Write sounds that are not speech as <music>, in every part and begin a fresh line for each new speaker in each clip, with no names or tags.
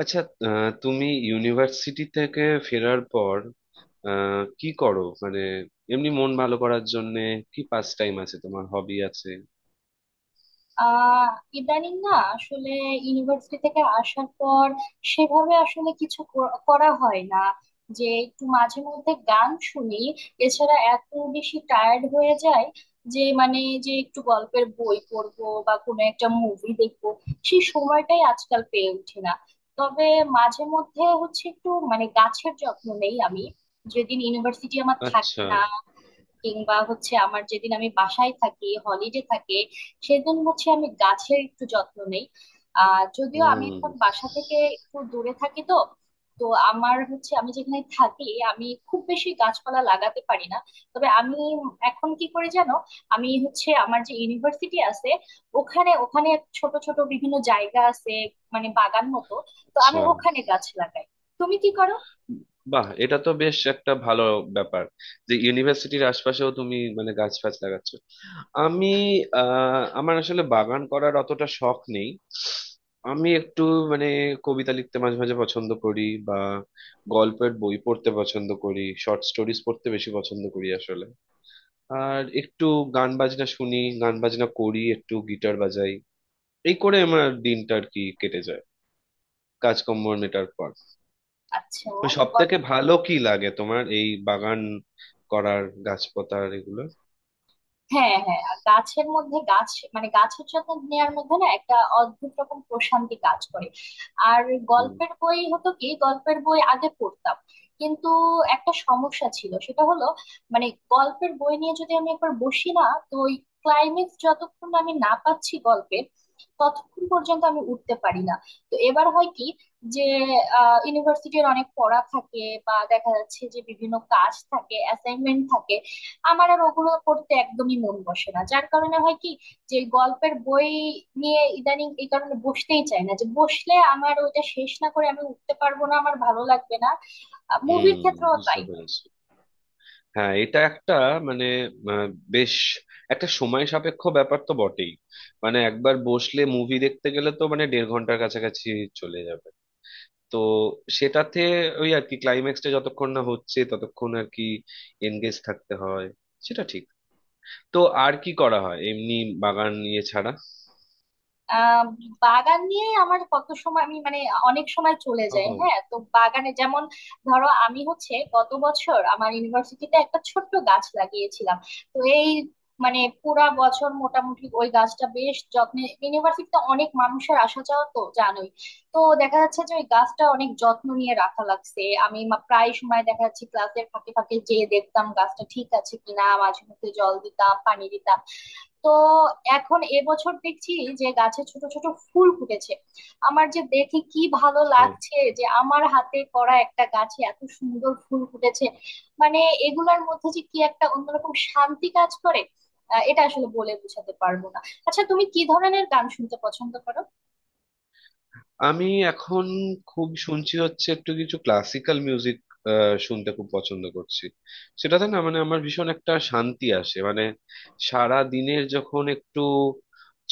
আচ্ছা। তুমি ইউনিভার্সিটি থেকে ফেরার পর কি করো? মানে এমনি মন ভালো করার জন্য কি পাস টাইম আছে, তোমার হবি আছে?
আহ ইদানিং না আসলে ইউনিভার্সিটি থেকে আসার পর সেভাবে আসলে কিছু করা হয় না, যে একটু মাঝে মধ্যে গান শুনি। এছাড়া এত বেশি টায়ার্ড হয়ে যায় যে যে একটু গল্পের বই পড়বো বা কোনো একটা মুভি দেখবো, সেই সময়টাই আজকাল পেয়ে ওঠে না। তবে মাঝে মধ্যে হচ্ছে একটু মানে গাছের যত্ন নেই আমি, যেদিন ইউনিভার্সিটি আমার থাকে
আচ্ছা।
না, কিংবা হচ্ছে আমার যেদিন আমি বাসায় থাকি হলিডে থাকে, সেদিন হচ্ছে আমি গাছের একটু যত্ন নেই। যদিও আমি
হুম।
এখন বাসা থেকে একটু দূরে থাকি, তো তো আমার হচ্ছে আমি যেখানে থাকি আমি খুব বেশি গাছপালা লাগাতে পারি না। তবে আমি এখন কি করে জানো, আমি হচ্ছে আমার যে ইউনিভার্সিটি আছে ওখানে ওখানে ছোট ছোট বিভিন্ন জায়গা আছে, মানে বাগান মতো। তো আমি
আচ্ছা।
ওখানে গাছ লাগাই। তুমি কি করো?
বাহ, এটা তো বেশ একটা ভালো ব্যাপার যে ইউনিভার্সিটির আশপাশেও তুমি মানে গাছ ফাছ লাগাচ্ছ। আমি আমার আসলে বাগান করার অতটা শখ নেই। আমি একটু মানে কবিতা লিখতে মাঝে মাঝে পছন্দ করি, বা গল্পের বই পড়তে পছন্দ করি, শর্ট স্টোরিজ পড়তে বেশি পছন্দ করি আসলে। আর একটু গান বাজনা শুনি, গান বাজনা করি, একটু গিটার বাজাই। এই করে আমার দিনটা আর কি কেটে যায় কাজকর্ম মেটার পর।
আচ্ছা।
তো সব থেকে ভালো কি লাগে তোমার, এই বাগান করার গাছপাতার এগুলো?
হ্যাঁ হ্যাঁ, আর গাছের মধ্যে গাছের যত্ন নেওয়ার মধ্যে না একটা অদ্ভুত রকম প্রশান্তি কাজ করে। আর
হুম।
গল্পের বই হতো কি গল্পের বই আগে পড়তাম, কিন্তু একটা সমস্যা ছিল, সেটা হলো মানে গল্পের বই নিয়ে যদি আমি একবার বসি না, তো ওই ক্লাইম্যাক্স যতক্ষণ আমি না পাচ্ছি গল্পের, ততক্ষণ পর্যন্ত আমি উঠতে পারি না। তো এবার হয় কি, যে ইউনিভার্সিটির অনেক পড়া থাকে বা দেখা যাচ্ছে যে বিভিন্ন কাজ থাকে, অ্যাসাইনমেন্ট থাকে, আমার আর ওগুলো পড়তে একদমই মন বসে না, যার কারণে হয় কি যে গল্পের বই নিয়ে ইদানিং এই কারণে বসতেই চাই না, যে বসলে আমার ওইটা শেষ না করে আমি উঠতে পারবো না, আমার ভালো লাগবে না। মুভির
হুম,
ক্ষেত্রেও
বুঝতে
তাই।
পেরেছি। হ্যাঁ, এটা একটা মানে আহ, বেশ একটা সময় সাপেক্ষ ব্যাপার তো বটেই। মানে একবার বসলে মুভি দেখতে গেলে তো মানে দেড় ঘন্টার কাছাকাছি চলে যাবে। তো সেটাতে ওই আর কি ক্লাইম্যাক্সটা যতক্ষণ না হচ্ছে ততক্ষণ আর কি এনগেজ থাকতে হয়, সেটা ঠিক। তো আর কি করা হয় এমনি, বাগান নিয়ে ছাড়া?
আহ বাগান নিয়ে আমার কত সময়, আমি মানে অনেক সময় চলে যায়।
ও
হ্যাঁ, তো বাগানে যেমন ধরো, আমি হচ্ছে গত বছর আমার ইউনিভার্সিটিতে একটা ছোট্ট গাছ লাগিয়েছিলাম। তো এই মানে পুরা বছর মোটামুটি ওই গাছটা বেশ যত্নে, ইউনিভার্সিটিতে অনেক মানুষের আসা যাওয়া তো জানোই, তো দেখা যাচ্ছে যে ওই গাছটা অনেক যত্ন নিয়ে রাখা লাগছে। আমি প্রায় সময় দেখা যাচ্ছে ক্লাসের ফাঁকে ফাঁকে যেয়ে দেখতাম গাছটা ঠিক আছে কিনা, মাঝে মধ্যে জল দিতাম, পানি দিতাম। তো এখন এবছর দেখছি যে গাছে ছোট ছোট ফুল ফুটেছে। আমার যে দেখে কি ভালো
আচ্ছা।
লাগছে, যে আমার হাতে করা একটা গাছে এত সুন্দর ফুল ফুটেছে। মানে এগুলোর মধ্যে যে কি একটা অন্যরকম শান্তি কাজ করে, এটা আসলে বলে বোঝাতে পারবো না। আচ্ছা, তুমি কি ধরনের গান শুনতে পছন্দ করো?
আমি এখন খুব শুনছি হচ্ছে একটু কিছু ক্লাসিক্যাল মিউজিক, শুনতে খুব পছন্দ করছি। সেটাতে না মানে আমার ভীষণ একটা শান্তি আসে। মানে সারা দিনের যখন একটু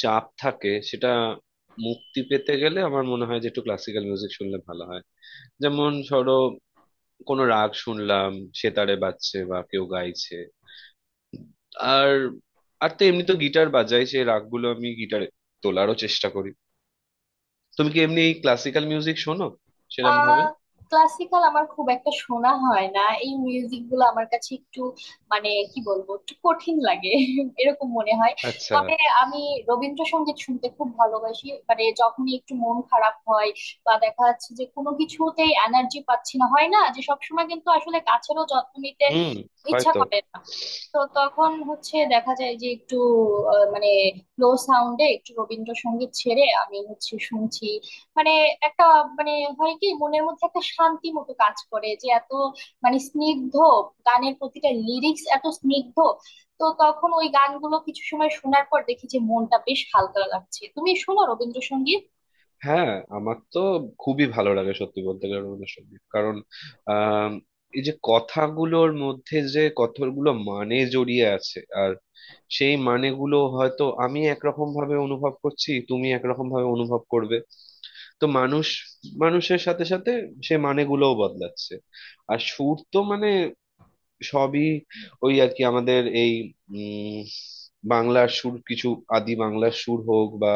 চাপ থাকে, সেটা মুক্তি পেতে গেলে আমার মনে হয় যে একটু ক্লাসিক্যাল মিউজিক শুনলে ভালো হয়। যেমন ধরো কোনো রাগ শুনলাম, সেতারে বাজছে বা কেউ গাইছে। আর আর তো এমনি তো গিটার বাজাই, সেই রাগগুলো আমি গিটারে তোলারও চেষ্টা করি। তুমি কি এমনি ক্লাসিক্যাল মিউজিক শোনো সেরম ভাবে?
আহ ক্লাসিক্যাল আমার খুব একটা শোনা হয় না, এই মিউজিক গুলো আমার কাছে একটু কি বলবো, একটু কঠিন লাগে <laughs> এরকম মনে হয়।
আচ্ছা।
তবে আমি রবীন্দ্রসঙ্গীত শুনতে খুব ভালোবাসি, মানে যখনই একটু মন খারাপ হয় বা দেখা যাচ্ছে যে কোনো কিছুতেই এনার্জি পাচ্ছি না, হয় না যে সবসময় কিন্তু আসলে গাছেরও যত্ন নিতে
হুম।
ইচ্ছা
হয়তো।
করে না, তো তখন হচ্ছে দেখা যায় যে একটু আহ, মানে লো সাউন্ডে একটু রবীন্দ্রসঙ্গীত ছেড়ে আমি হচ্ছে শুনছি। মানে একটা মানে হয় কি মনের মধ্যে একটা শান্তি মতো কাজ করে, যে এত স্নিগ্ধ, গানের প্রতিটা লিরিক্স এত স্নিগ্ধ। তো তখন ওই গানগুলো কিছু সময় শোনার পর দেখি যে মনটা বেশ হালকা লাগছে। তুমি শোনো রবীন্দ্রসঙ্গীত?
হ্যাঁ, আমার তো খুবই ভালো লাগে সত্যি বলতে গেলে রবীন্দ্রসঙ্গীত। কারণ আম, এই যে কথাগুলোর মধ্যে যে কতগুলো মানে জড়িয়ে আছে, আর সেই মানেগুলো হয়তো আমি একরকম ভাবে অনুভব করছি, তুমি একরকম ভাবে অনুভব করবে। তো মানুষ মানুষের সাথে সাথে সে মানেগুলোও বদলাচ্ছে। আর সুর তো মানে সবই ওই আর কি আমাদের এই উম বাংলার সুর, কিছু আদি বাংলার সুর হোক বা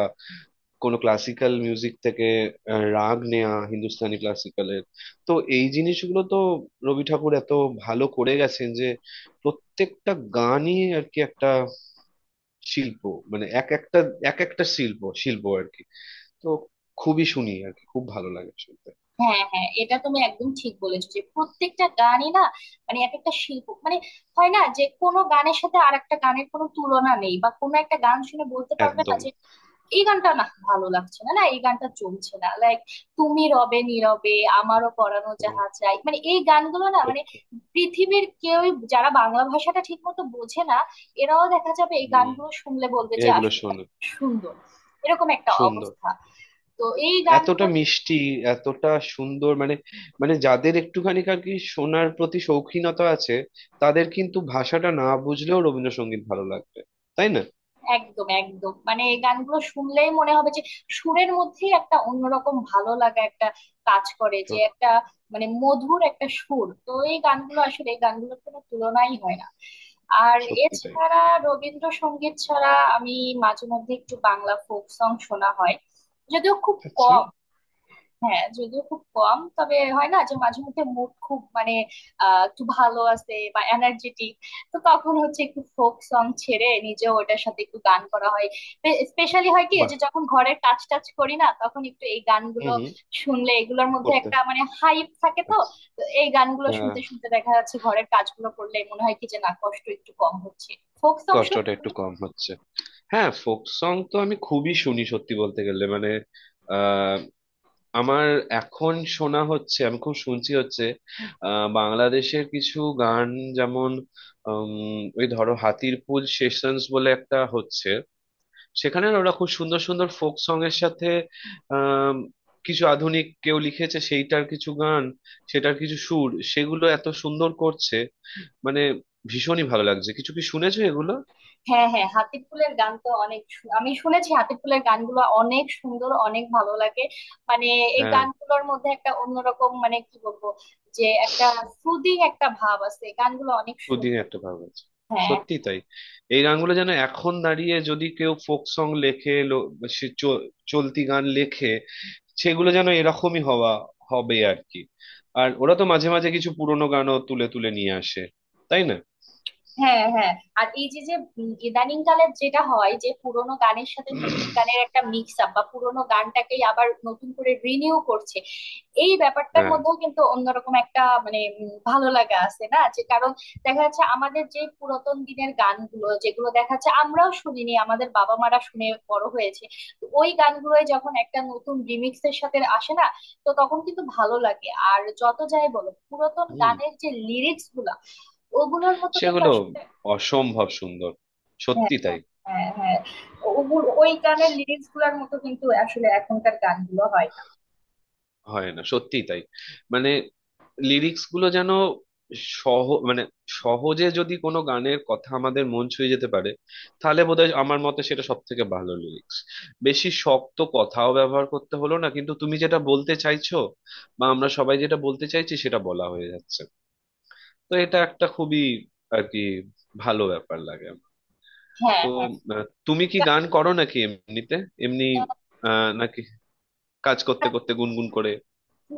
কোনো ক্লাসিক্যাল মিউজিক থেকে রাগ নেয়া হিন্দুস্তানি ক্লাসিক্যালের। তো এই জিনিসগুলো তো রবি ঠাকুর এত ভালো করে গেছেন যে প্রত্যেকটা গানই আর কি একটা শিল্প। মানে এক একটা, এক একটা শিল্প শিল্প আর কি। তো খুবই শুনি আর কি, খুব ভালো লাগে শুনতে।
হ্যাঁ হ্যাঁ, এটা তুমি একদম ঠিক বলেছো যে প্রত্যেকটা গানই না এক একটা শিল্প, মানে হয় না যে কোনো গানের সাথে আর একটা গানের কোনো তুলনা নেই, বা কোনো একটা গান শুনে বলতে পারবে না
একদম।
যে এই গানটা না ভালো লাগছে না, না এই গানটা চলছে না, লাইক তুমি রবে নীরবে, আমারও পরানো যাহা চাই, মানে এই গানগুলো না, মানে
সত্যি।
পৃথিবীর কেউই যারা বাংলা ভাষাটা ঠিক মতো বোঝে না, এরাও দেখা যাবে এই
হম।
গানগুলো শুনলে বলবে যে
এগুলো
আসলে
শোনো।
সুন্দর, এরকম একটা
সুন্দর।
অবস্থা। তো এই
এতটা
গানগুলোর
মিষ্টি, এতটা সুন্দর মানে, মানে যাদের একটুখানি আর কি শোনার প্রতি শৌখিনতা আছে, তাদের কিন্তু ভাষাটা না বুঝলেও রবীন্দ্রসঙ্গীত ভালো লাগবে, তাই না?
একদম একদম, মানে এই গানগুলো শুনলেই মনে হবে যে সুরের মধ্যেই একটা অন্যরকম ভালো লাগা একটা কাজ করে, যে
সত-
একটা মধুর একটা সুর। তো এই গানগুলো আসলে এই গানগুলোর কোনো তুলনাই হয় না। আর
সত্যি তাই।
এছাড়া রবীন্দ্রসঙ্গীত ছাড়া আমি মাঝে মধ্যে একটু বাংলা ফোক সং শোনা হয়, যদিও খুব
আচ্ছা।
কম। হ্যাঁ, যদিও খুব কম, তবে হয় না যে মাঝে মধ্যে মুড খুব মানে আহ একটু ভালো আছে বা এনার্জেটিক, তো তখন হচ্ছে একটু ফোক সং ছেড়ে নিজেও ওটার সাথে একটু গান করা হয়। স্পেশালি হয় কি,
বাহ।
যে যখন ঘরের কাজ টাজ করি না, তখন একটু এই
হুম,
গানগুলো
হুম।
শুনলে এগুলোর মধ্যে
করতে।
একটা মানে হাইপ থাকে, তো
আচ্ছা।
তো এই গানগুলো
হ্যাঁ।
শুনতে শুনতে দেখা যাচ্ছে ঘরের কাজগুলো করলে মনে হয় কি যে না, কষ্ট একটু কম হচ্ছে। ফোক সং
কষ্টটা একটু
শুনি।
কম হচ্ছে। হ্যাঁ, ফোক সং তো আমি খুবই শুনি সত্যি বলতে গেলে। মানে আমার এখন শোনা হচ্ছে, আমি খুব শুনছি হচ্ছে বাংলাদেশের কিছু গান। যেমন ওই ধরো হাতির পুল সেশনস বলে একটা হচ্ছে, সেখানে না ওরা খুব সুন্দর সুন্দর ফোক সং এর সাথে আম, কিছু আধুনিক কেউ লিখেছে সেইটার কিছু গান, সেটার কিছু সুর, সেগুলো এত সুন্দর করছে। মানে ভীষণই ভালো লাগছে। কিছু কি শুনেছো এগুলো?
হ্যাঁ হ্যাঁ, হাতিফ ফুলের গান তো অনেক আমি শুনেছি, হাতিফ ফুলের গানগুলো অনেক সুন্দর, অনেক ভালো লাগে। মানে এই
হ্যাঁ।
গানগুলোর মধ্যে একটা অন্যরকম, মানে কি বলবো, যে একটা সুদিং একটা ভাব আছে, গানগুলো অনেক
সুদিন
সুন্দর।
একটা ভাব আছে।
হ্যাঁ
সত্যি তাই। এই গানগুলো যেন, এখন দাঁড়িয়ে যদি কেউ ফোক সং লেখে সে চ- চলতি গান লেখে, সেগুলো যেন এরকমই হওয়া হবে আর কি। আর ওরা তো মাঝে মাঝে কিছু পুরোনো গানও তুলে তুলে নিয়ে আসে, তাই না?
হ্যাঁ হ্যাঁ আর এই যে যে উম ইদানিং কালের যেটা হয়, যে পুরোনো গানের সাথে নতুন গানের একটা মিক্স আপ বা পুরোনো গানটাকেই আবার নতুন করে রিনিউ করছে, এই ব্যাপারটার
হ্যাঁ।
মধ্যেও কিন্তু অন্যরকম একটা মানে উম ভালো লাগা আছে না, যে কারণ দেখা যাচ্ছে আমাদের যে পুরাতন দিনের গানগুলো, যেগুলো দেখা যাচ্ছে আমরাও শুনিনি, আমাদের বাবা মারা শুনে বড় হয়েছে, তো ওই গানগুলোই যখন একটা নতুন রিমিক্স এর সাথে আসে না, তো তখন কিন্তু ভালো লাগে। আর যত যাই বলো পুরাতন
হুম।
গানের যে লিরিক্স গুলো ওগুলোর মতো কিন্তু
সেগুলো
আসলে,
অসম্ভব সুন্দর।
হ্যাঁ
সত্যি তাই।
হ্যাঁ হ্যাঁ ওগুলো ওই গানের লিরিক্স গুলার মতো কিন্তু আসলে এখনকার গানগুলো হয় না।
হয় না, সত্যিই তাই। মানে লিরিক্স গুলো যেন মানে সহজে যদি কোনো গানের কথা আমাদের মন ছুঁয়ে যেতে পারে, তাহলে বোধহয় আমার মতে সেটা সব থেকে ভালো লিরিক্স। বেশি শক্ত কথাও ব্যবহার করতে হলো না, কিন্তু তুমি যেটা বলতে চাইছো বা আমরা সবাই যেটা বলতে চাইছি সেটা বলা হয়ে যাচ্ছে। তো এটা একটা খুবই আর কি ভালো ব্যাপার লাগে আমার।
হ্যাঁ
তো
হ্যাঁ।
তুমি কি
গা-
গান করো নাকি এমনিতে? এমনি নাকি কাজ করতে করতে গুনগুন করে?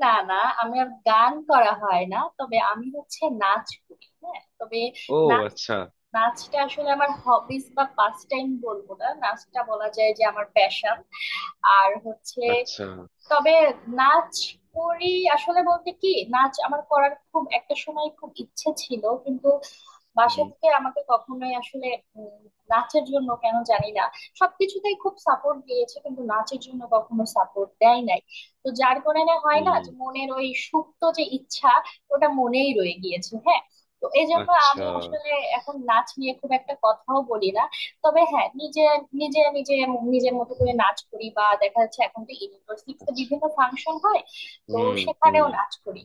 না না, আমি আর গান করা হয় না, তবে আমি হচ্ছে নাচ করি। হ্যাঁ, তবে
ও
নাচ,
আচ্ছা।
নাচটা আসলে আমার হবিস বা পাস টাইম বলবো না, নাচটা বলা যায় যে আমার প্যাশন। আর হচ্ছে
আচ্ছা।
তবে নাচ করি, আসলে বলতে কি নাচ আমার করার খুব একটা সময় খুব ইচ্ছে ছিল কিন্তু বাসা
হুম,
থেকে আমাকে কখনোই আসলে উম, নাচের জন্য, কেন জানি না সবকিছুতেই খুব সাপোর্ট দিয়েছে, কিন্তু নাচের জন্য কখনো সাপোর্ট দেয় নাই। তো যার কারণে হয় না
হুম।
যে মনের ওই সুপ্ত যে ইচ্ছা ওটা মনেই রয়ে গিয়েছে। হ্যাঁ, তো এই জন্য
আচ্ছা।
আমি আসলে এখন নাচ নিয়ে খুব একটা কথাও বলি না। তবে হ্যাঁ নিজে নিজে নিজে নিজের মতো করে নাচ করি, বা দেখা যাচ্ছে এখন তো ইউনিভার্সিটিতে
আচ্ছা।
বিভিন্ন ফাংশন হয় তো
হুম,
সেখানেও
হুম।
নাচ করি।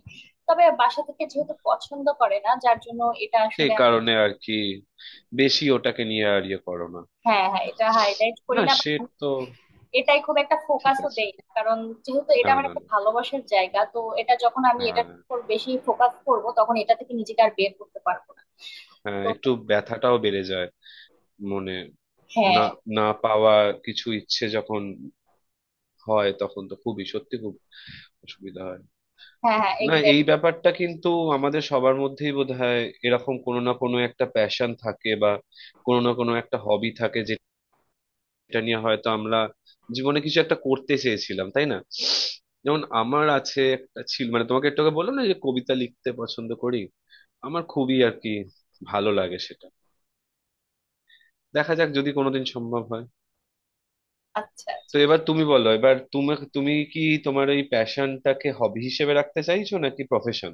তবে বাসা থেকে যেহেতু পছন্দ করে না, যার জন্য এটা
সেই
আসলে
কারণে আর কি বেশি ওটাকে নিয়ে আর ইয়ে করো না।
হ্যাঁ হ্যাঁ, এটা হাইলাইট করি
না
না বা
সে, তো
এটাই খুব একটা
ঠিক
ফোকাসও
আছে।
দেই না, কারণ যেহেতু এটা
না,
আমার
না,
একটা
না।
ভালোবাসার জায়গা, তো এটা যখন আমি
হ্যাঁ।
এটার উপর বেশি ফোকাস করব, তখন এটা থেকে নিজেকে আর বের করতে পারবো না।
হ্যাঁ,
তো
একটু ব্যথাটাও বেড়ে যায় মনে। না,
হ্যাঁ
না পাওয়া কিছু ইচ্ছে যখন হয় তখন তো খুবই সত্যি খুব অসুবিধা হয়।
হ্যাঁ হ্যাঁ
না এই
এক্স্যাক্ট।
ব্যাপারটা কিন্তু আমাদের সবার মধ্যেই বোধহয় এরকম কোনো না কোনো একটা প্যাশন থাকে, বা কোনো না কোনো একটা হবি থাকে। এটা নিয়ে হয়তো আমরা জীবনে কিছু একটা করতে চেয়েছিলাম, তাই না? যেমন আমার আছে একটা, ছিল মানে, তোমাকে একটু আগে বললাম না যে কবিতা লিখতে পছন্দ করি, আমার খুবই আর কি ভালো লাগে সেটা। দেখা যাক যদি কোনোদিন সম্ভব হয়।
আচ্ছা
তো
আচ্ছা।
এবার তুমি বলো, এবার তুমি তুমি কি তোমার এই প্যাশনটাকে হবি হিসেবে রাখতে চাইছো নাকি প্রফেশন?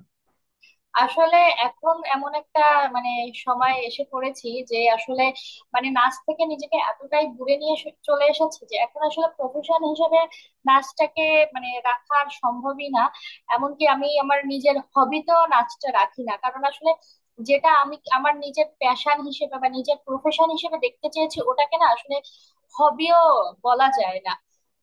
আসলে এখন এমন একটা মানে সময় এসে পড়েছি যে আসলে মানে নাচ থেকে নিজেকে এতটাই দূরে নিয়ে চলে এসেছি, যে এখন আসলে প্রফেশন হিসেবে নাচটাকে মানে রাখা আর সম্ভবই না। এমনকি আমি আমার নিজের হবিতেও নাচটা রাখি না, কারণ আসলে যেটা আমি আমার নিজের প্যাশন হিসেবে বা নিজের প্রফেশন হিসেবে দেখতে চেয়েছি, ওটাকে না আসলে হবিও বলা যায় না।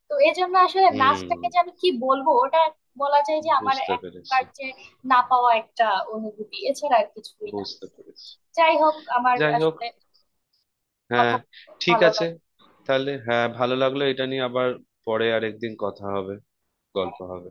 তো এই জন্য আসলে
হুম।
নাচটাকে যে আমি কি বলবো, ওটা বলা যায় যে আমার
বুঝতে
এক
পেরেছি।
প্রকার যে না পাওয়া একটা অনুভূতি, এছাড়া আর কিছুই না।
বুঝতে পেরেছি।
যাই হোক, আমার
যাই হোক।
আসলে
হ্যাঁ।
কথা বলতে
ঠিক
ভালো
আছে।
লাগে।
তাহলে হ্যাঁ, ভালো লাগলো। এটা নিয়ে আবার পরে আরেকদিন কথা হবে, গল্প হবে।